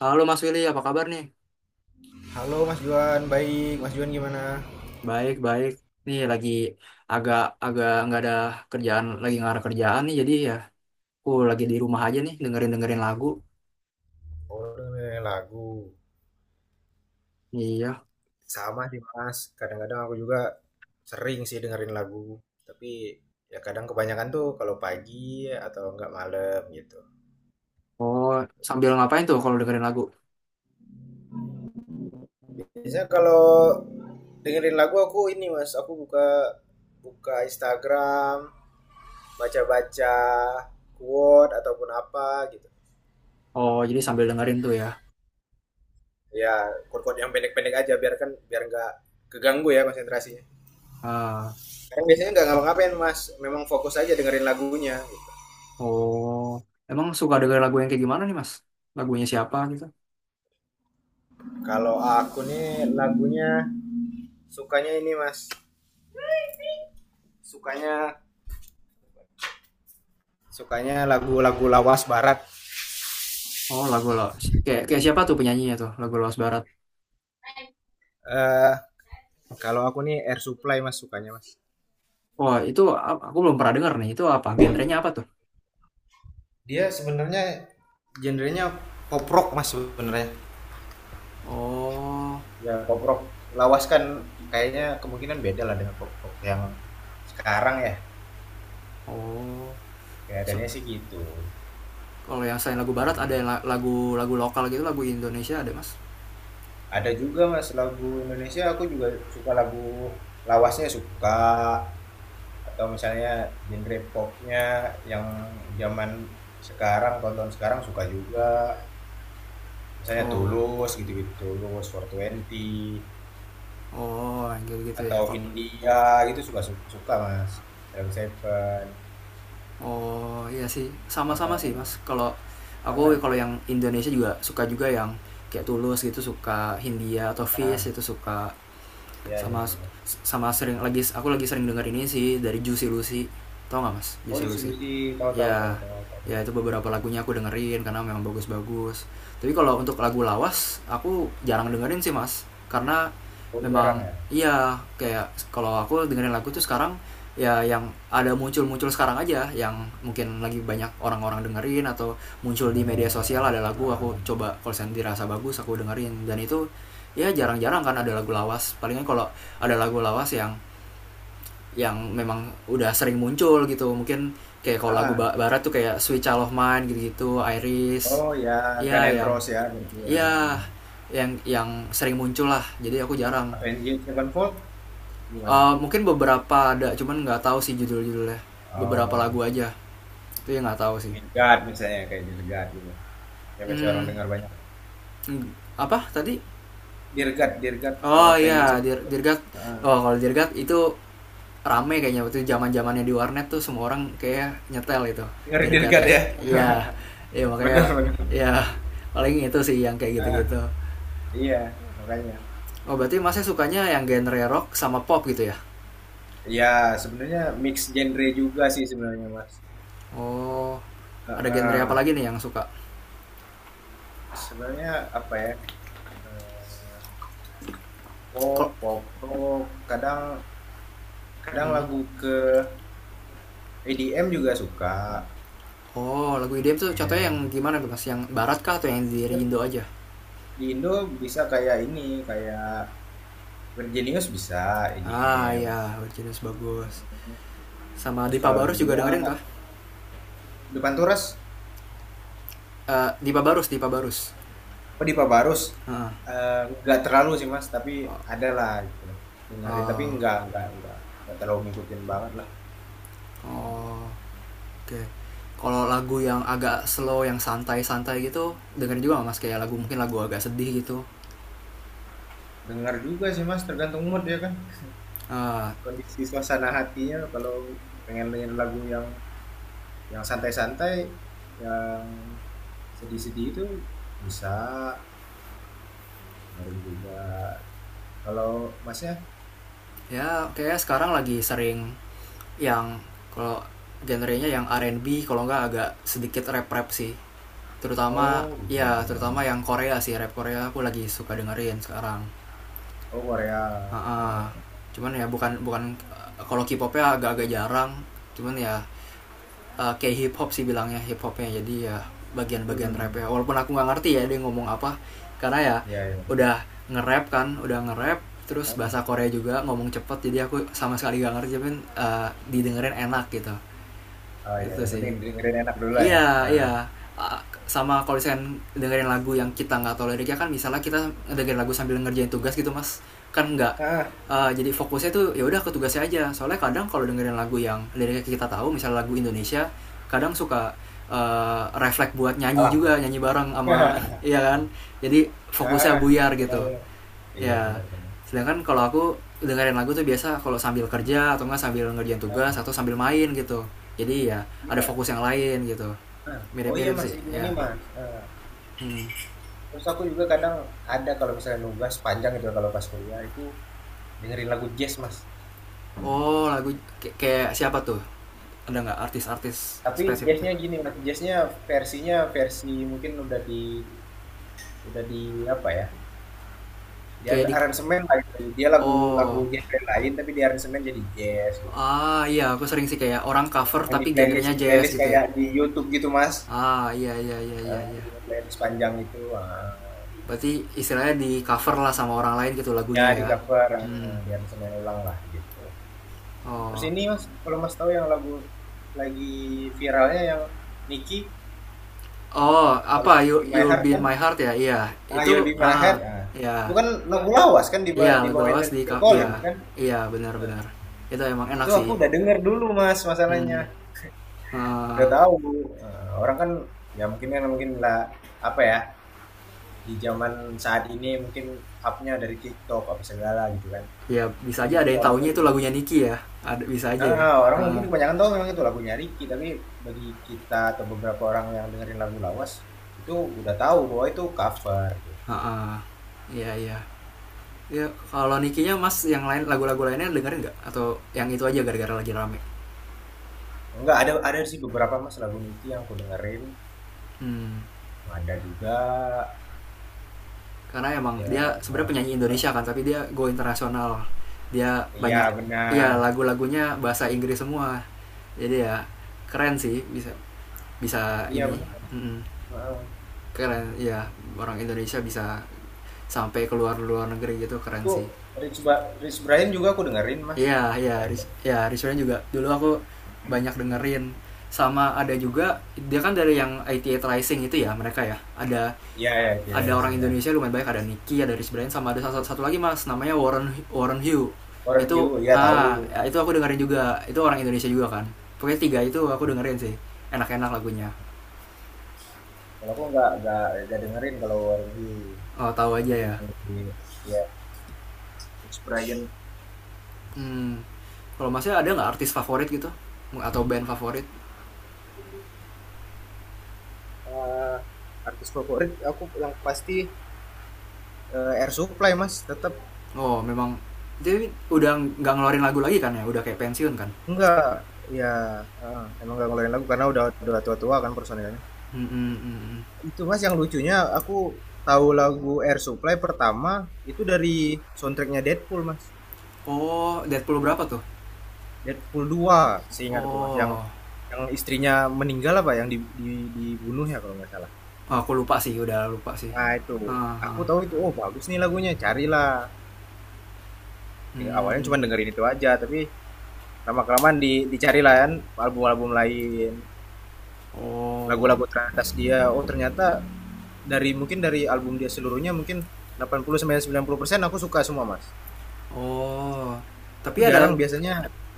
Halo Mas Willy, apa kabar nih? Halo Mas Juan, baik. Mas Juan gimana? Baik, baik. Nih lagi agak agak nggak ada kerjaan, lagi nggak ada kerjaan nih. Jadi ya, aku lagi di rumah aja nih, dengerin dengerin lagu. Oh, dengerin lagu. Iya. Sama sih Mas, kadang-kadang aku juga sering sih dengerin lagu. Tapi ya kadang kebanyakan tuh kalau pagi atau enggak malam gitu. Oh, sambil ngapain tuh kalau dengerin lagu? Biasanya kalau dengerin lagu aku ini Mas, aku buka buka Instagram, baca-baca quote ataupun apa gitu. Oh, jadi sambil dengerin tuh ya. Ya, quote-quote yang pendek-pendek aja biar kan biar enggak keganggu ya konsentrasinya. Ah, Kan biasanya nggak ngapa-ngapain mas, memang fokus aja dengerin lagunya. Gitu. oh, emang suka denger lagu yang kayak gimana nih Mas? Lagunya siapa gitu? Kalau aku nih lagunya sukanya ini mas, sukanya sukanya lagu-lagu lawas barat. Oh, lagu Los. Kayak kayak siapa tuh penyanyinya tuh? Lagu Los Barat. eh Kalau aku nih Air Supply mas sukanya mas. Oh, itu aku belum pernah denger nih. Itu apa? Genrenya apa tuh? Dia sebenarnya genrenya pop rock mas sebenarnya. Oh, Ya pop rock. Lawas kan kayaknya kemungkinan beda lah dengan pop rock yang sekarang ya. oh. Kelihatannya sih gitu. Kalau yang selain lagu barat Eh, ada yang lagu lagu lokal gitu, lagu Indonesia ada mas? Ada juga Mas lagu Indonesia aku juga suka lagu lawasnya suka, atau misalnya genre popnya yang zaman sekarang tonton sekarang suka juga, misalnya Oh, Tulus gitu-gitu, Tulus four twenty, oh, gitu gitu ya. atau Kok? India gitu, suka suka Mas Salam Seven. Oh, iya sih, sama-sama sih Heeh. mas. Kalau aku Kangen. kalau yang Indonesia juga suka juga yang kayak Tulus gitu suka Hindia atau Fish Ah itu suka iya iya sama iya. sama sering lagi aku lagi sering dengar ini sih dari Juicy Lucy, tau nggak mas Oh Juicy Lucy? institusi, tahu tahu tahu Ya, tahu tahu. ya itu beberapa lagunya aku dengerin karena memang bagus-bagus. Tapi kalau untuk lagu lawas aku jarang dengerin sih mas, karena Oh, jarang memang ya. iya. Kayak kalau aku dengerin lagu tuh sekarang ya yang ada muncul-muncul sekarang aja, yang mungkin lagi banyak orang-orang dengerin atau muncul di media sosial. Ada Oh, ah, lagu ah, aku ah. coba kalau dirasa bagus aku dengerin, dan itu ya jarang-jarang kan ada lagu lawas. Palingnya kalau ada lagu lawas yang memang udah sering muncul gitu, mungkin kayak kalau Ah, lagu ah. barat tuh kayak Sweet Child of Mine gitu-gitu, Iris, Oh ya, Gun ya N' yang Roses ya, berarti ya. ya yang sering muncul lah, jadi aku jarang. Avenged Sevenfold gimana? Mungkin beberapa ada cuman nggak tahu sih judul-judulnya, beberapa Oh, lagu aja, itu yang nggak tahu sih. Dirgat, misalnya kayak Dirgat God gitu. Yang biasanya orang hmm, dengar banyak. apa tadi? Dirgat, Dirgat, kalau Oh Avenged iya, Sevenfold. Dirgat. Ah, Oh kalau Dirgat itu rame kayaknya waktu zamannya di warnet tuh semua orang kayak nyetel itu, dengerin dirgat Dear ya. ya. Iya, ya makanya Benar-benar. ya, paling itu sih yang kayak Ah, gitu-gitu. iya, makanya. Oh berarti masnya sukanya yang genre rock sama pop gitu ya. Ya, sebenarnya mix genre juga sih sebenarnya, Mas. Oh, Ah, ada genre apa ah. lagi nih yang suka? Sebenarnya apa ya? eh, Pop, Kok? pop rock, kadang kadang Hmm. lagu ke EDM juga Oh lagu IDM tuh contohnya yang suka. gimana tuh mas, yang barat kah atau yang dari Indo aja? Di Indo bisa kayak ini, kayak Virginius bisa Ah EDM. ya, jenis bagus. Sama Terus Dipa kalau di Barus juga luar, dengerin kah? di Panturas, Dipa Barus, Dipa Barus. oh di Pabarus, Heeh. Nggak terlalu sih mas, tapi ada lah gitu. Dengerin, tapi Uh. nggak terlalu ngikutin banget lah. Oh, oh. Oke. Kalau lagu yang agak slow, yang santai-santai gitu, dengerin juga nggak mas, kayak lagu mungkin lagu agak sedih gitu. Dengar juga sih mas, tergantung mood ya kan. Eh, Kondisi suasana hatinya kalau pengen dengerin lagu yang santai-santai, yang sedih-sedih itu bisa dengerin juga. Kalau masnya, ya kayak sekarang lagi sering yang kalau genrenya yang R&B, kalau nggak agak sedikit rap-rap sih. Terutama oh ya gitu. terutama yang Korea sih, rap Korea aku lagi suka dengerin sekarang. Oh Korea. Heeh. Heeh. Cuman ya bukan bukan kalau K-popnya agak-agak jarang. Cuman ya kayak hip hop sih bilangnya, hip hopnya jadi ya bagian-bagian rap Hmm. ya, walaupun aku nggak ngerti ya dia ngomong apa, karena ya Iya iya. udah nge-rap kan, udah nge-rap terus bahasa Ah, Korea juga ngomong cepet, jadi aku sama sekali gak ngerti tapi didengerin enak gitu. ah, iya. Itu Yang sih. penting dengerin enak dulu lah ya. Iya, Ah, iya. Ah, sama kalau misalkan dengerin lagu yang kita nggak tahu liriknya kan, misalnya kita dengerin lagu sambil ngerjain tugas gitu mas, kan nggak. ah, Jadi fokusnya tuh ya udah ke tugasnya aja, soalnya kadang kalau dengerin lagu yang liriknya kita tahu misalnya lagu Indonesia, kadang suka refleks buat nyanyi alah. juga, nyanyi bareng sama iya kan, jadi Ah, fokusnya buyar benar. gitu Benar. Iya ya. benar benar. Sedangkan kalau aku dengerin lagu tuh biasa kalau sambil kerja atau nggak sambil ngerjain tugas Ah, atau sambil main gitu, jadi ya ada iya. fokus yang lain gitu. Ah, oh iya Mirip-mirip Mas sih juga ya. nih Mas. Ah, Hmm. terus aku juga kadang ada kalau misalnya nugas panjang gitu kalau pas kuliah itu dengerin lagu jazz Mas. Oh lagu kayak siapa tuh, ada nggak artis-artis Tapi spesifiknya? jazznya gini Mas, jazznya versinya versi mungkin udah di apa ya? Di Kayak di. aransemen lah gitu. Dia lagu lagu Oh. genre lain tapi di aransemen jadi jazz. Gitu. Ah iya, aku sering sih kayak orang cover Yang di tapi playlist genrenya di jazz playlist gitu ya. kayak di YouTube gitu mas. Ah iya iya iya iya iya. Di playlist panjang itu Berarti istilahnya di cover lah sama orang lain gitu ya lagunya di ya. cover di Hmm. aransemen ulang lah gitu. Terus Oh. ini mas, kalau mas tahu yang lagu lagi viralnya yang Nicki, Oh apa, Let's you Be My you'll Heart be in kan. my heart ya, iya Ah, itu. You'll Be My Heart. Ah Nah, itu iya, kan lagu lawas kan iya diba- lagu dibawain lawas dari di Phil Collins iya. kan. Iya benar-benar, itu emang enak Itu aku sih. udah denger dulu mas masalahnya, Hmm. udah Ah, tahu. Orang kan ya mungkin kan mungkin lah apa ya, di zaman saat ini mungkin upnya dari TikTok apa segala gitu kan. ya bisa Jadi aja ada mungkin yang orang tuh taunya itu lebih- lagunya Niki ya. Ada, bisa aja ya. ah, orang mungkin Heeh. kebanyakan tahu memang itu lagunya Ricky, tapi bagi kita atau beberapa orang yang dengerin lagu lawas itu udah tahu bahwa itu cover. Gitu. Heeh. Ya, iya ya. Kalau Nikinya mas yang lain, lagu-lagu lainnya dengerin nggak atau yang itu aja gara-gara lagi rame? Enggak, ada ada sih beberapa mas lagu Niki yang aku dengerin, Hmm. ada juga Karena emang ya. dia sebenarnya penyanyi Ah, Indonesia kan, tapi dia go internasional. Dia iya banyak ya benar, lagu-lagunya bahasa Inggris semua, jadi ya keren sih bisa, bisa iya ini. benar. Mm-mm. Ah, Keren ya, orang Indonesia bisa sampai keluar luar negeri gitu, keren itu sih. Rich, Ba- Rich Brian juga aku dengerin mas, Iya, Rich iya, Brian. Ris ya, Rizwan juga. Dulu aku banyak Hmm, dengerin. Sama ada juga dia kan dari yang IT Rising itu ya mereka ya. Iya ya itu ya Ada orang Rising ya. Indonesia lumayan banyak, ada Nicky, ada Rich Brian sama ada satu, satu lagi Mas, namanya Warren, Warren Hugh. For You, Itu iya tahu. ah ya, itu aku dengerin juga. Itu orang Indonesia juga kan. Pokoknya tiga itu aku Oh, dengerin sih. Enak-enak lagunya. kalau aku nggak dengerin kalau For You. Oh, tahu Aku aja ya. cuma di ya Rich Brian. Hmm, kalau Masnya ada nggak artis favorit gitu? Atau band favorit? Eh, Artis favorit aku yang pasti Air Supply mas tetap. Oh, memang jadi udah nggak ngeluarin lagu lagi kan ya? Udah kayak pensiun kan? Enggak ya, emang enggak ngeluarin lagu karena udah tua-tua kan personilnya. Mm-mm, mm-mm. Itu mas yang lucunya, aku tahu lagu Air Supply pertama itu dari soundtracknya Deadpool mas. Oh, Deadpool berapa tuh? Deadpool 2 seingatku mas, Oh, yang istrinya meninggal, apa yang dibunuh ya kalau nggak salah. aku lupa sih, udah lupa sih. Nah itu Ah, aku ah. tahu itu, oh bagus nih lagunya, carilah. Awalnya Hmm. cuma dengerin itu aja, tapi lama kelamaan di dicari lah kan album-album lain, Oh, lagu-lagu teratas dia, oh ternyata dari mungkin dari album dia seluruhnya mungkin 80 sampai 90% aku suka semua mas. oh. Tapi Aku ada, jarang biasanya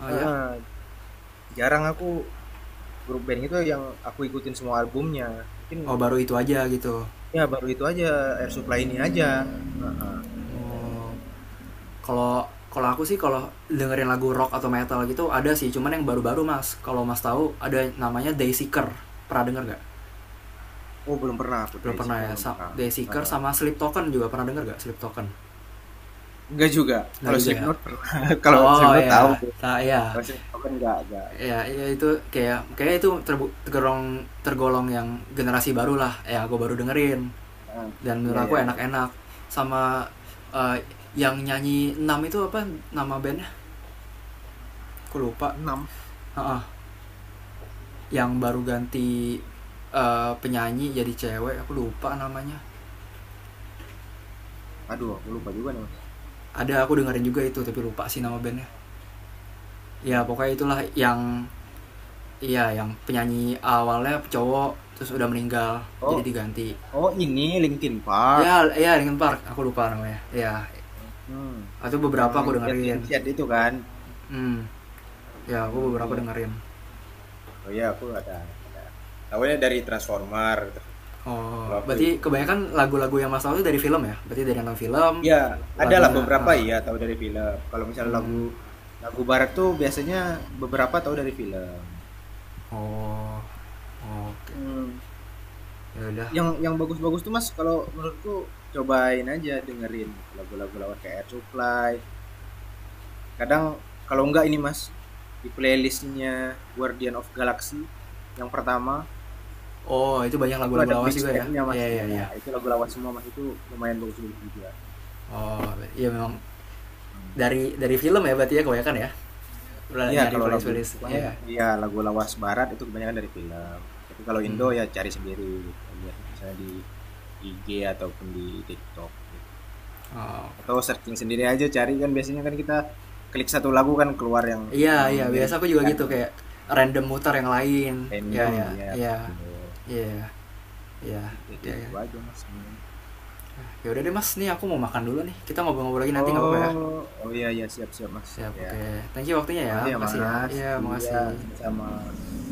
ah, eh, ya? eh, jarang aku grup band itu yang aku ikutin semua albumnya mungkin. Oh, baru itu aja gitu. Ya baru itu aja, Air Supply ini aja. Heeh. Oh, kalau kalau aku sih kalau dengerin lagu rock atau metal gitu ada sih, cuman yang baru-baru mas. Kalau mas tahu ada namanya Dayseeker. Pernah denger nggak? Oh belum pernah, aku Belum dari pernah situ ya. belum pernah. Dayseeker Heeh. sama Sleep Token juga pernah denger nggak? Sleep Token? Enggak juga, Nggak kalau juga ya. Slipknot pernah. Kalau Oh Slipknot tahu. ya, tak ya. Kalau Slipknot kan enggak Ya, pernah. ya itu kayak, kayak itu tergolong tergolong yang generasi baru lah ya, gue baru dengerin Heeh. dan Iya menurut aku iya iya. enak-enak. Sama eh, yang nyanyi 6 itu apa nama bandnya, aku lupa. Enam. Heeh, yang baru ganti penyanyi jadi cewek, aku lupa namanya. Aduh, aku lupa juga nih, Mas. Ada aku dengerin juga itu tapi lupa sih nama bandnya. Ya Hmm. pokoknya itulah yang, iya yang penyanyi awalnya cowok terus udah meninggal, Oh, jadi diganti. oh ini Linkin Park. Ya, ya dengan Park, aku lupa namanya ya, Hmm. atau beberapa Yang aku dengerin. chat-chat itu kan, Hmm. Ya yang aku beberapa dia. dengerin. Oh iya, aku ada ada. Tahunya dari Transformer. Oh Kalau aku berarti itu. kebanyakan lagu-lagu yang mas tahu itu dari film ya, berarti dari nonton film Iya, ada lah lagunya beberapa ah. iya tahu dari film. Kalau misalnya Hmm. lagu lagu barat tuh biasanya beberapa tahu dari film. Oh, oh oke, okay. Hmm. Ya udah. Yang bagus-bagus tuh Mas, kalau menurutku cobain aja dengerin gitu, lagu-lagu lawan kayak Air Supply, kadang kalau enggak ini mas, di playlistnya Guardian of Galaxy yang pertama, Oh itu banyak itu lagu-lagu ada lawas juga ya, mixtape-nya mas, iya iya ya iya. itu lagu lawas semua mas, itu lumayan bagus, bagus juga. Oh iya memang, Hmm. Dari film ya berarti ya kebanyakan ya. Iya Nyari kalau playlist lagu playlist pokoknya iya. iya lagu lawas barat itu kebanyakan dari film, tapi kalau Indo Hmm. ya cari sendiri gitu. Lihat misalnya di IG ataupun di TikTok gitu, Oh atau searching sendiri aja cari, kan biasanya kan kita klik satu lagu kan keluar iya yang iya, mirip biasa aku juga kan, gitu kayak random muter yang lain. Iya random iya ya, iya betul. iya iya. Jadi kayak Oke, kayak okay. gitu aja mas. Ya udah deh mas, nih aku mau makan dulu nih, kita ngobrol-ngobrol lagi nanti nggak apa-apa ya. Oh, oh iya iya, siap siap Mas. Siap, Ya. oke okay. Thank you waktunya ya, Makasih ya makasih ya, Mas. iya Iya, makasih. sama-sama.